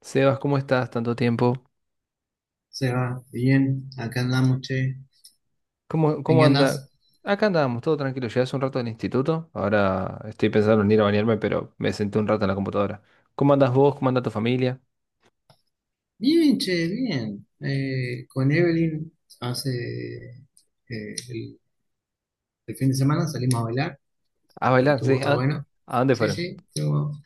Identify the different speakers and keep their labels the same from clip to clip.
Speaker 1: Sebas, ¿cómo estás? Tanto tiempo.
Speaker 2: Se va, bien, acá andamos, che.
Speaker 1: ¿Cómo,
Speaker 2: ¿En
Speaker 1: cómo
Speaker 2: qué
Speaker 1: anda?
Speaker 2: andás?
Speaker 1: Acá andábamos, todo tranquilo. Llegué hace un rato del instituto. Ahora estoy pensando en ir a bañarme, pero me senté un rato en la computadora. ¿Cómo andas vos? ¿Cómo anda tu familia?
Speaker 2: Bien, che, bien. Con Evelyn hace eh, el, el fin de semana salimos a bailar,
Speaker 1: A bailar, sí.
Speaker 2: estuvo re
Speaker 1: ¿A,
Speaker 2: bueno.
Speaker 1: a dónde
Speaker 2: Sí,
Speaker 1: fueron?
Speaker 2: sí, estuvo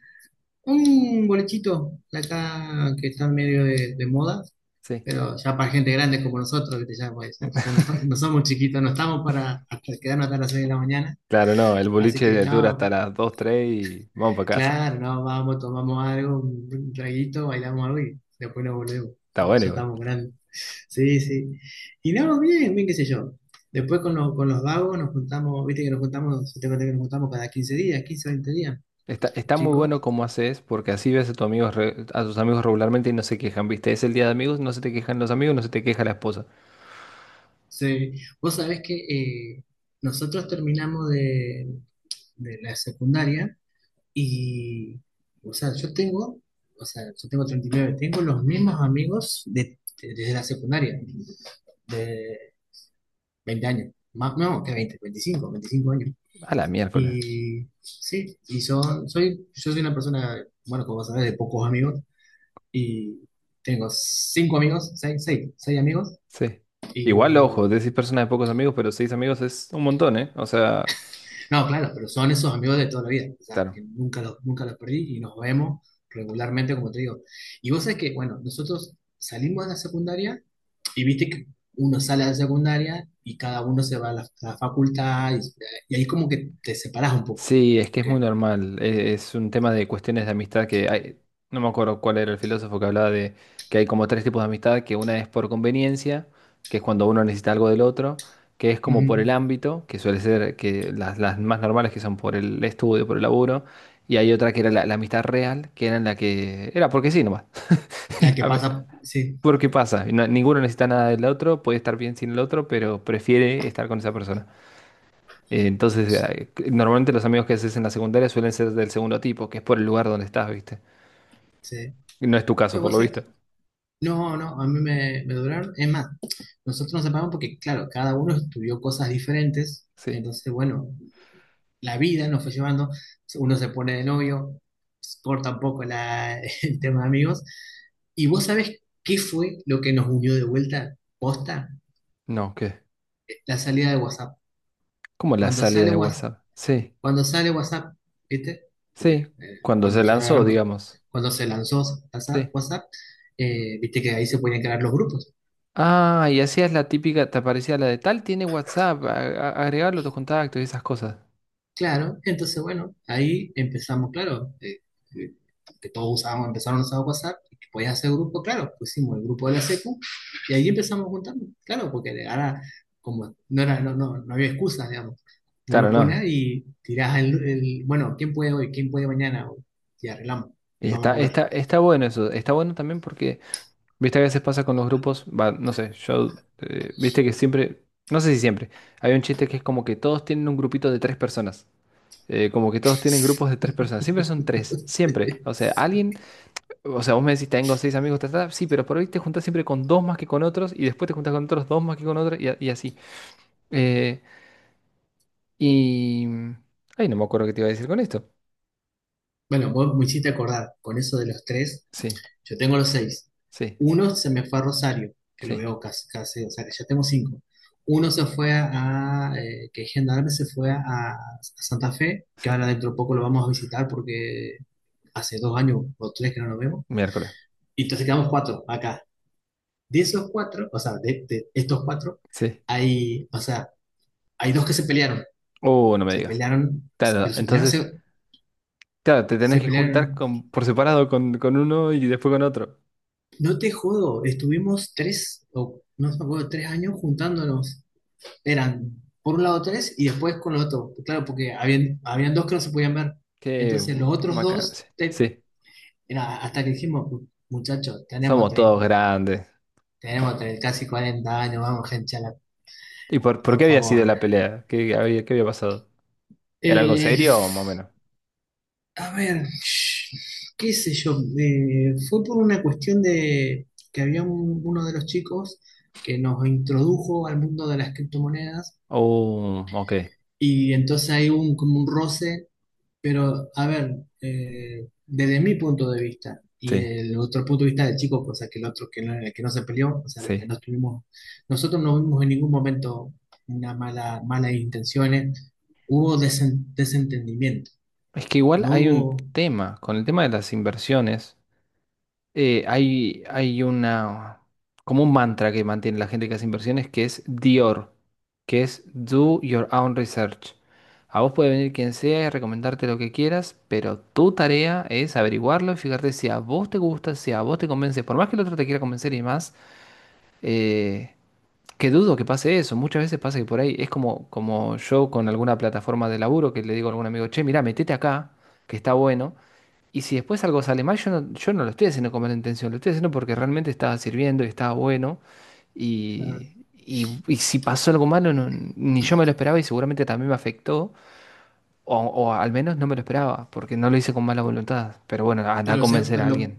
Speaker 2: un bolechito de acá que está en medio de moda,
Speaker 1: Sí.
Speaker 2: pero ya para gente grande como nosotros, ¿viste? Ya, pues, ya no, no somos chiquitos, no estamos para hasta quedarnos hasta las 6 de la mañana.
Speaker 1: Claro, no, el
Speaker 2: Así que
Speaker 1: boliche dura
Speaker 2: no.
Speaker 1: hasta las 2, 3, y vamos para
Speaker 2: Claro,
Speaker 1: casa.
Speaker 2: no, vamos, tomamos algo, un traguito, bailamos algo y después nos volvemos.
Speaker 1: Está
Speaker 2: Ya,
Speaker 1: bueno
Speaker 2: ya
Speaker 1: igual.
Speaker 2: estamos grandes. Sí, sí. Y no, bien, bien, qué sé yo. Después con los vagos nos juntamos, viste que nos juntamos, yo te conté que nos juntamos cada 15 días, 15 20 días,
Speaker 1: Está, está muy
Speaker 2: chicos.
Speaker 1: bueno como haces, porque así ves a tus amigos, a tus amigos regularmente y no se quejan, ¿viste? Es el día de amigos, no se te quejan los amigos, no se te queja la esposa.
Speaker 2: Sí. Vos sabés que eh, nosotros terminamos de la secundaria y, o sea, o sea, yo tengo 39, tengo los mismos amigos de, desde la secundaria de 20 años, más, no, que 20, veinticinco años.
Speaker 1: A la miércoles.
Speaker 2: Y sí, y yo soy una persona, bueno, como sabes, de pocos amigos, y tengo cinco amigos, seis amigos,
Speaker 1: Sí. Igual, ojo,
Speaker 2: y
Speaker 1: decís personas de pocos amigos, pero seis amigos es un montón, ¿eh? O sea,
Speaker 2: no, claro, pero son esos amigos de toda la vida, o sea,
Speaker 1: claro.
Speaker 2: que nunca los perdí y nos vemos regularmente, como te digo. Y vos sabés que, bueno, nosotros salimos de la secundaria y viste que uno sale de la secundaria y cada uno se va a la facultad y ahí como que te separás un poco
Speaker 1: Sí, es que es muy
Speaker 2: porque.
Speaker 1: normal. Es un tema de cuestiones de amistad que hay. No me acuerdo cuál era el filósofo que hablaba de que hay como tres tipos de amistad, que una es por conveniencia, que es cuando uno necesita algo del otro, que es como por el
Speaker 2: Ujú.
Speaker 1: ámbito, que suele ser que las más normales que son por el estudio, por el laburo, y hay otra que era la amistad real, que era en la que era porque sí nomás.
Speaker 2: La que pasa, sí,
Speaker 1: Porque pasa, ninguno necesita nada del otro, puede estar bien sin el otro, pero prefiere estar con esa persona. Entonces,
Speaker 2: sí,
Speaker 1: normalmente los amigos que haces en la secundaria suelen ser del segundo tipo, que es por el lugar donde estás, ¿viste?
Speaker 2: sí.
Speaker 1: Y no es tu caso,
Speaker 2: Lo que
Speaker 1: por lo
Speaker 2: pasa
Speaker 1: visto.
Speaker 2: no, no, a mí me duraron. Es más, nosotros nos separamos porque, claro, cada uno estudió cosas diferentes.
Speaker 1: Sí.
Speaker 2: Entonces, bueno, la vida nos fue llevando. Uno se pone de novio, corta un poco la, el tema de amigos. ¿Y vos sabés qué fue lo que nos unió de vuelta? Posta,
Speaker 1: No, ¿qué?
Speaker 2: la salida de WhatsApp.
Speaker 1: ¿Cómo la
Speaker 2: Cuando
Speaker 1: salida
Speaker 2: sale,
Speaker 1: de WhatsApp? Sí,
Speaker 2: Cuando sale WhatsApp, ¿viste? Porque
Speaker 1: sí.
Speaker 2: eh,
Speaker 1: Cuando se
Speaker 2: cuando ya
Speaker 1: lanzó,
Speaker 2: éramos-
Speaker 1: digamos.
Speaker 2: cuando se lanzó WhatsApp,
Speaker 1: Sí.
Speaker 2: WhatsApp, viste que ahí se podían crear los grupos.
Speaker 1: Ah, y hacías la típica, te aparecía la de tal tiene WhatsApp, agregarlo a tus contactos y esas cosas.
Speaker 2: Claro, entonces bueno, ahí empezamos, claro, eh, que todos usábamos, empezaron a usar WhatsApp, y que podías hacer grupo, claro, pusimos el grupo de la secu y ahí empezamos juntando, claro, porque ahora como no era, no había excusas, digamos.
Speaker 1: Claro,
Speaker 2: Uno pone
Speaker 1: no.
Speaker 2: ahí y tirás el, bueno, ¿quién puede hoy? ¿Quién puede mañana? Y arreglamos,
Speaker 1: Y
Speaker 2: vamos a
Speaker 1: está,
Speaker 2: comer.
Speaker 1: está, está bueno eso. Está bueno también porque viste, a veces pasa con los grupos, va, no sé, yo, viste que siempre, no sé si siempre, hay un chiste que es como que todos tienen un grupito de tres personas, como que todos tienen grupos de tres personas, siempre son tres, siempre, o sea, alguien, o sea, vos me decís, tengo seis amigos, ta, ta, ta", sí, pero por ahí te juntas siempre con dos más que con otros, y después te juntas con otros dos más que con otros, y, y así. Eh, y... Ay, no me acuerdo qué te iba a decir con esto.
Speaker 2: Bueno, vos me hiciste acordar, con eso de los tres,
Speaker 1: Sí,
Speaker 2: yo tengo los seis.
Speaker 1: sí,
Speaker 2: Uno se me fue a Rosario, que lo
Speaker 1: sí,
Speaker 2: veo casi, casi, o sea que ya tengo cinco. Uno se fue que es Gendarme, se fue a Santa Fe, que ahora
Speaker 1: sí,
Speaker 2: dentro de poco lo vamos a visitar porque hace dos años o 3 que no nos vemos.
Speaker 1: miércoles,
Speaker 2: Y entonces quedamos cuatro acá. De esos cuatro, o sea, de estos cuatro,
Speaker 1: sí.
Speaker 2: o sea, hay dos que se pelearon.
Speaker 1: Oh, no me
Speaker 2: Se
Speaker 1: digas.
Speaker 2: pelearon,
Speaker 1: Claro,
Speaker 2: pero se pelearon,
Speaker 1: entonces...
Speaker 2: se,
Speaker 1: Claro, te tenés
Speaker 2: se
Speaker 1: que juntar
Speaker 2: pelearon.
Speaker 1: con, por separado con uno y después con otro.
Speaker 2: No te jodo, estuvimos 3, o no me acuerdo, 3 años juntándonos. Eran por un lado tres y después con los otros. Claro, porque habían dos que no se podían ver.
Speaker 1: Qué
Speaker 2: Entonces los otros dos,
Speaker 1: vacancia. Sí, sí,
Speaker 2: era hasta que dijimos, muchachos, tenemos
Speaker 1: somos todos
Speaker 2: 30,
Speaker 1: grandes.
Speaker 2: tenemos 30, casi 40 años, vamos, gente,
Speaker 1: ¿Y por qué
Speaker 2: por
Speaker 1: había sido
Speaker 2: favor.
Speaker 1: la pelea? Qué había pasado? ¿Era algo
Speaker 2: Eh,
Speaker 1: serio o más o menos?
Speaker 2: a ver, qué sé yo, fue por una cuestión de que había uno de los chicos que nos introdujo al mundo de las criptomonedas.
Speaker 1: Oh, ok.
Speaker 2: Y entonces hay como un roce, pero a ver, desde mi punto de vista y
Speaker 1: Sí,
Speaker 2: del otro punto de vista del chico, cosa que el otro que no, el que no se peleó, o sea, los que
Speaker 1: sí.
Speaker 2: no estuvimos, nosotros no vimos en ningún momento una mala, malas intenciones, hubo desentendimiento,
Speaker 1: Es que igual
Speaker 2: no
Speaker 1: hay un
Speaker 2: hubo,
Speaker 1: tema con el tema de las inversiones. Hay, una, como un mantra que mantiene la gente que hace inversiones, que es Dior, que es Do Your Own Research. A vos puede venir quien sea y recomendarte lo que quieras, pero tu tarea es averiguarlo y fijarte si a vos te gusta, si a vos te convence, por más que el otro te quiera convencer y más, eh, que dudo que pase eso. Muchas veces pasa que por ahí es como, como yo con alguna plataforma de laburo que le digo a algún amigo, che, mirá, metete acá, que está bueno. Y si después algo sale mal, yo no lo estoy haciendo con mala intención, lo estoy haciendo porque realmente estaba sirviendo y estaba bueno. Y,
Speaker 2: claro,
Speaker 1: y si pasó algo malo, ni yo me lo esperaba y seguramente también me afectó, o al menos no me lo esperaba, porque no lo hice con mala voluntad. Pero bueno, anda a
Speaker 2: pero, se-
Speaker 1: convencer a
Speaker 2: pero lo,
Speaker 1: alguien.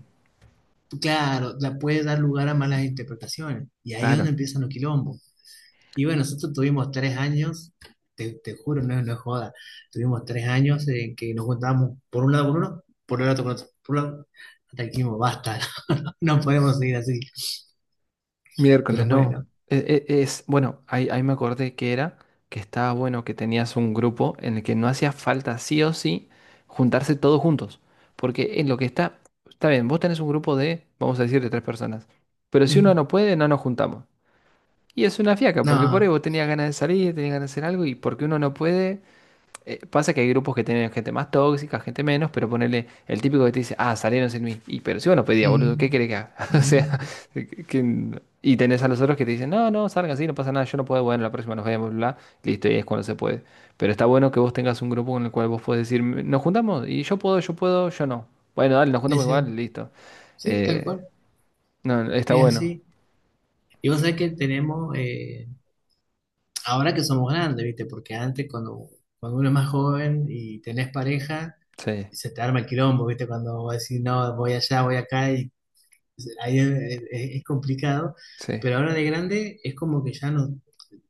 Speaker 2: claro, la puede dar lugar a malas interpretaciones y ahí es
Speaker 1: Claro.
Speaker 2: donde empiezan los quilombos. Y bueno, nosotros tuvimos 3 años, te juro, no, no es joda, tuvimos 3 años en que nos juntábamos por un lado con uno, por el otro con otro, por un lado, hasta que dijimos, basta. No podemos seguir así. Pero
Speaker 1: Miércoles, no.
Speaker 2: bueno,
Speaker 1: Es, bueno, ahí me acordé que era, que estaba bueno que tenías un grupo en el que no hacía falta sí o sí juntarse todos juntos. Porque en lo que está, está bien, vos tenés un grupo de, vamos a decir, de tres personas. Pero si uno
Speaker 2: mm,
Speaker 1: no puede, no nos juntamos. Y es una fiaca, porque por ahí
Speaker 2: no,
Speaker 1: vos tenías ganas de salir, tenías ganas de hacer algo, y porque uno no puede, pasa que hay grupos que tienen gente más tóxica, gente menos, pero ponerle el típico que te dice, ah, salieron sin mí. Y pero si vos no pedías, boludo, ¿qué
Speaker 2: mm,
Speaker 1: querés que haga? O sea,
Speaker 2: mm,
Speaker 1: y tenés a los otros que te dicen, no, no, salgan así, no pasa nada, yo no puedo, bueno, la próxima nos vemos, bla, bla. Listo, y es cuando se puede. Pero está bueno que vos tengas un grupo con el cual vos podés decir, nos juntamos, y yo puedo, yo puedo, yo no. Bueno, dale, nos juntamos
Speaker 2: ese,
Speaker 1: igual, listo.
Speaker 2: sí, tal
Speaker 1: Eh,
Speaker 2: cual,
Speaker 1: no, está
Speaker 2: es
Speaker 1: bueno.
Speaker 2: así. Y vos sabés que tenemos, ahora que somos grandes, ¿viste? Porque antes cuando uno es más joven y tenés pareja,
Speaker 1: Sí,
Speaker 2: se te arma el quilombo, ¿viste? Cuando vos decís, no, voy allá, voy acá, y ahí es complicado,
Speaker 1: sí,
Speaker 2: pero ahora de grande es como que ya no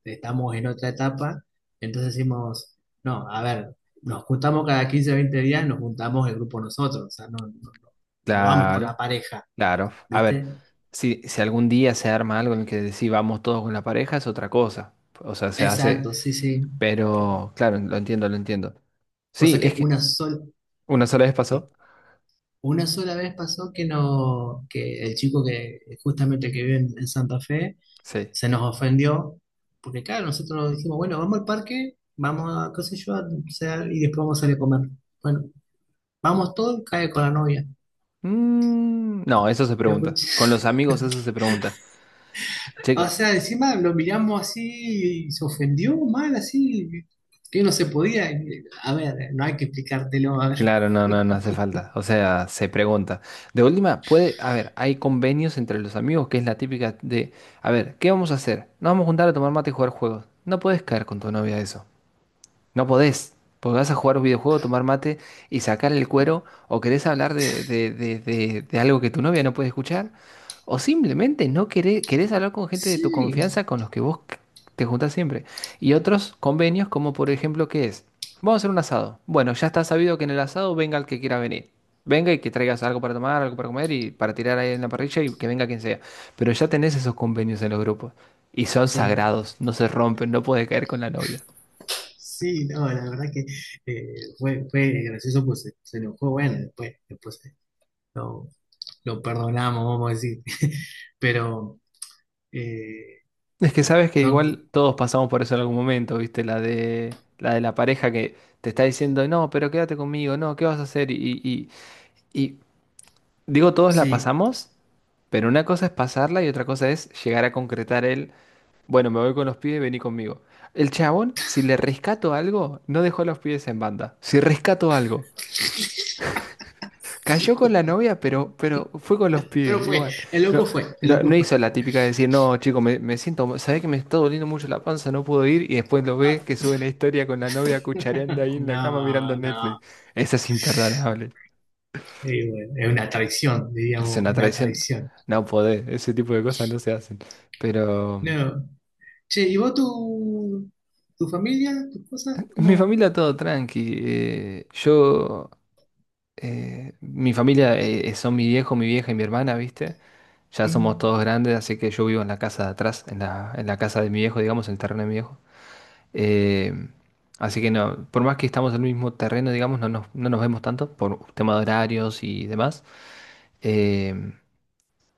Speaker 2: estamos en otra etapa, entonces decimos, no, a ver, nos juntamos cada 15 o 20 días, nos juntamos el grupo nosotros, o sea, no- no vamos con la
Speaker 1: claro.
Speaker 2: pareja,
Speaker 1: Claro, a ver,
Speaker 2: ¿viste?
Speaker 1: si algún día se arma algo en el que decís vamos todos con la pareja es otra cosa, o sea, se hace,
Speaker 2: Exacto, sí, sí.
Speaker 1: pero claro, lo entiendo, lo entiendo.
Speaker 2: O sea
Speaker 1: Sí, es
Speaker 2: que
Speaker 1: que
Speaker 2: una sola,
Speaker 1: una sola vez
Speaker 2: sí,
Speaker 1: pasó,
Speaker 2: una sola vez pasó que no, que el chico que justamente que vive en Santa Fe,
Speaker 1: sí.
Speaker 2: se nos ofendió, porque claro, nosotros dijimos, bueno, vamos al parque, vamos a, qué sé yo, a pasear y después vamos a salir a comer. Bueno, vamos todos, cae con la novia.
Speaker 1: Mm, no, eso se
Speaker 2: La
Speaker 1: pregunta,
Speaker 2: cuch-
Speaker 1: con los amigos eso se pregunta.
Speaker 2: O
Speaker 1: Chico,
Speaker 2: sea, encima lo miramos así y se ofendió mal, así, que no se podía. A ver, no hay que explicártelo, a ver.
Speaker 1: claro, no, no, no hace falta, o sea, se pregunta. De última, puede, a ver, hay convenios entre los amigos que es la típica de, a ver, ¿qué vamos a hacer? Nos vamos a juntar a tomar mate y jugar juegos. No puedes caer con tu novia a eso. No podés, porque vas a jugar un videojuego, tomar mate y sacar el cuero, o querés hablar de, de algo que tu novia no puede escuchar, o simplemente no querés, querés hablar con gente de tu
Speaker 2: Sí,
Speaker 1: confianza con los que te juntás siempre. Y otros convenios, como por ejemplo, ¿qué es? Vamos a hacer un asado. Bueno, ya está sabido que en el asado venga el que quiera venir. Venga y que traigas algo para tomar, algo para comer y para tirar ahí en la parrilla y que venga quien sea. Pero ya tenés esos convenios en los grupos. Y son
Speaker 2: sí,
Speaker 1: sagrados, no se rompen, no puede caer con la novia.
Speaker 2: sí, no, la verdad que fue gracioso, pues se enojó, bueno, después lo, lo perdonamos, vamos a decir, pero. eh,
Speaker 1: Es que sabes que
Speaker 2: Son,
Speaker 1: igual todos pasamos por eso en algún momento, ¿viste? La de la pareja que te está diciendo, no, pero quédate conmigo, no, ¿qué vas a hacer? Y digo, todos la
Speaker 2: sí,
Speaker 1: pasamos, pero una cosa es pasarla y otra cosa es llegar a concretar el, bueno, me voy con los pibes, vení conmigo. El chabón, si le rescato algo, no dejó a los pibes en banda. Si rescato algo, cayó con
Speaker 2: sí.
Speaker 1: la novia, pero fue con los
Speaker 2: Pero
Speaker 1: pies,
Speaker 2: fue,
Speaker 1: igual.
Speaker 2: el
Speaker 1: No,
Speaker 2: loco fue, el
Speaker 1: no,
Speaker 2: loco
Speaker 1: no
Speaker 2: fue.
Speaker 1: hizo la típica de decir, no, chico, me siento, sabés que me está doliendo mucho la panza, no puedo ir, y después lo ves que sube una historia con la novia cuchareando ahí en la cama mirando
Speaker 2: No, no.
Speaker 1: Netflix. Esa es imperdonable.
Speaker 2: Y bueno, es una traición,
Speaker 1: Es
Speaker 2: diríamos,
Speaker 1: una
Speaker 2: una
Speaker 1: traición.
Speaker 2: traición.
Speaker 1: No podés, ese tipo de cosas no se hacen. Pero
Speaker 2: No. Che, ¿y vos tu familia, tus cosas?
Speaker 1: en mi
Speaker 2: Como.
Speaker 1: familia todo tranqui. Yo Mi familia son mi viejo, mi vieja y mi hermana, ¿viste? Ya somos todos grandes, así que yo vivo en la casa de atrás, en la casa de mi viejo, digamos, en el terreno de mi viejo. Eh, Así que no, por más que estamos en el mismo terreno, digamos, no nos vemos tanto por tema de horarios y demás. Eh,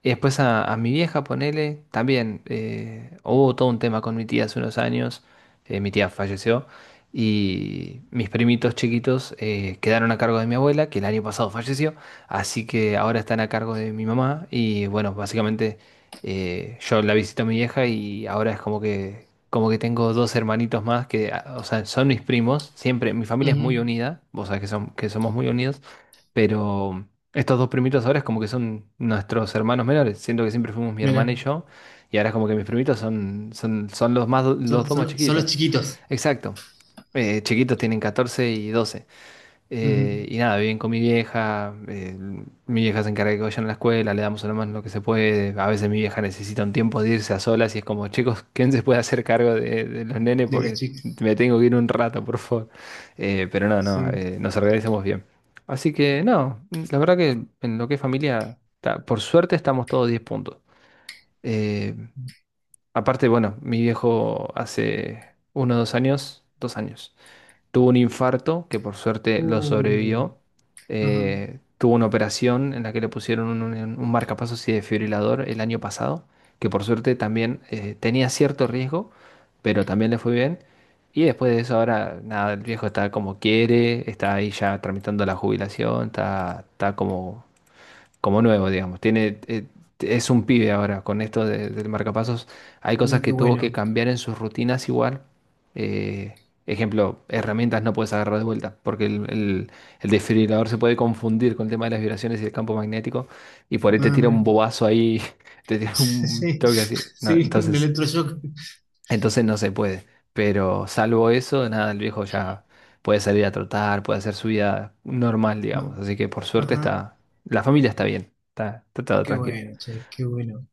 Speaker 1: y después a mi vieja, ponele, también hubo todo un tema con mi tía hace unos años, mi tía falleció, y mis primitos chiquitos quedaron a cargo de mi abuela, que el año pasado falleció, así que ahora están a cargo de mi mamá, y bueno, básicamente yo la visito a mi vieja y ahora es como que tengo dos hermanitos más que, ah, o sea, son mis primos, siempre, mi familia es muy unida, vos sabés que, son, que somos muy unidos. Pero estos dos primitos ahora es como que son nuestros hermanos menores. Siento que siempre fuimos mi hermana y
Speaker 2: Mira,
Speaker 1: yo. Y ahora es como que mis primitos son, son los más, los
Speaker 2: son,
Speaker 1: dos más
Speaker 2: son- son los
Speaker 1: chiquitos.
Speaker 2: chiquitos.
Speaker 1: Exacto. Chiquitos tienen 14 y 12
Speaker 2: Ujú.
Speaker 1: y nada, viven con mi vieja se encarga de que vayan a la escuela, le damos a lo más lo que se puede. A veces mi vieja necesita un tiempo de irse a solas y es como, chicos, ¿quién se puede hacer cargo de los nenes?
Speaker 2: De los
Speaker 1: Porque
Speaker 2: chicos.
Speaker 1: me tengo que ir un rato, por favor. Pero no, no,
Speaker 2: Sí.
Speaker 1: nos organizamos bien. Así que no, la verdad que en lo que es familia, por suerte estamos todos 10 puntos. Eh, Aparte, bueno, mi viejo hace 1 o 2 años, 2 años tuvo un infarto, que por suerte lo
Speaker 2: Uh,
Speaker 1: sobrevivió.
Speaker 2: ajá.
Speaker 1: Tuvo una operación en la que le pusieron un, un marcapasos y desfibrilador el año pasado, que por suerte también tenía cierto riesgo, pero también le fue bien. Y después de eso ahora, nada, el viejo está como quiere, está ahí ya tramitando la jubilación, está, está como nuevo, digamos. Tiene, es un pibe ahora con del marcapasos. Hay cosas
Speaker 2: Mira qué
Speaker 1: que tuvo que
Speaker 2: bueno.
Speaker 1: cambiar en sus rutinas igual. Eh, Ejemplo, herramientas no puedes agarrar de vuelta porque el, el desfibrilador se puede confundir con el tema de las vibraciones y el campo magnético y por ahí te
Speaker 2: Ah,
Speaker 1: tira
Speaker 2: mira.
Speaker 1: un bobazo ahí, te tira un
Speaker 2: Sí,
Speaker 1: toque así. No,
Speaker 2: sí, un
Speaker 1: entonces...
Speaker 2: electroshock.
Speaker 1: Entonces no se puede. Pero salvo eso, nada, el viejo ya puede salir a trotar, puede hacer su vida normal, digamos.
Speaker 2: No.
Speaker 1: Así que por suerte
Speaker 2: Ajá,
Speaker 1: está, la familia está bien, está, está todo
Speaker 2: qué
Speaker 1: tranquilo.
Speaker 2: bueno, che, qué bueno.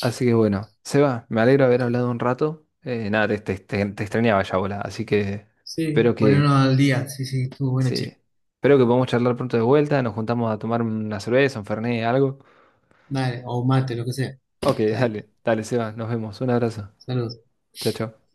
Speaker 1: Así que bueno, Seba, me alegro de haber hablado un rato. Nada, te extrañaba ya, bola. Así que
Speaker 2: Sí,
Speaker 1: espero
Speaker 2: ponernos
Speaker 1: que,
Speaker 2: al día, sí, sí, estuvo bueno, che.
Speaker 1: sí, espero que podamos charlar pronto de vuelta. Nos juntamos a tomar una cerveza, un fernet, algo.
Speaker 2: Dale, o mate, lo que sea.
Speaker 1: Ok,
Speaker 2: Dale,
Speaker 1: dale, dale, Seba, nos vemos. Un abrazo.
Speaker 2: saludos.
Speaker 1: Chao, chao.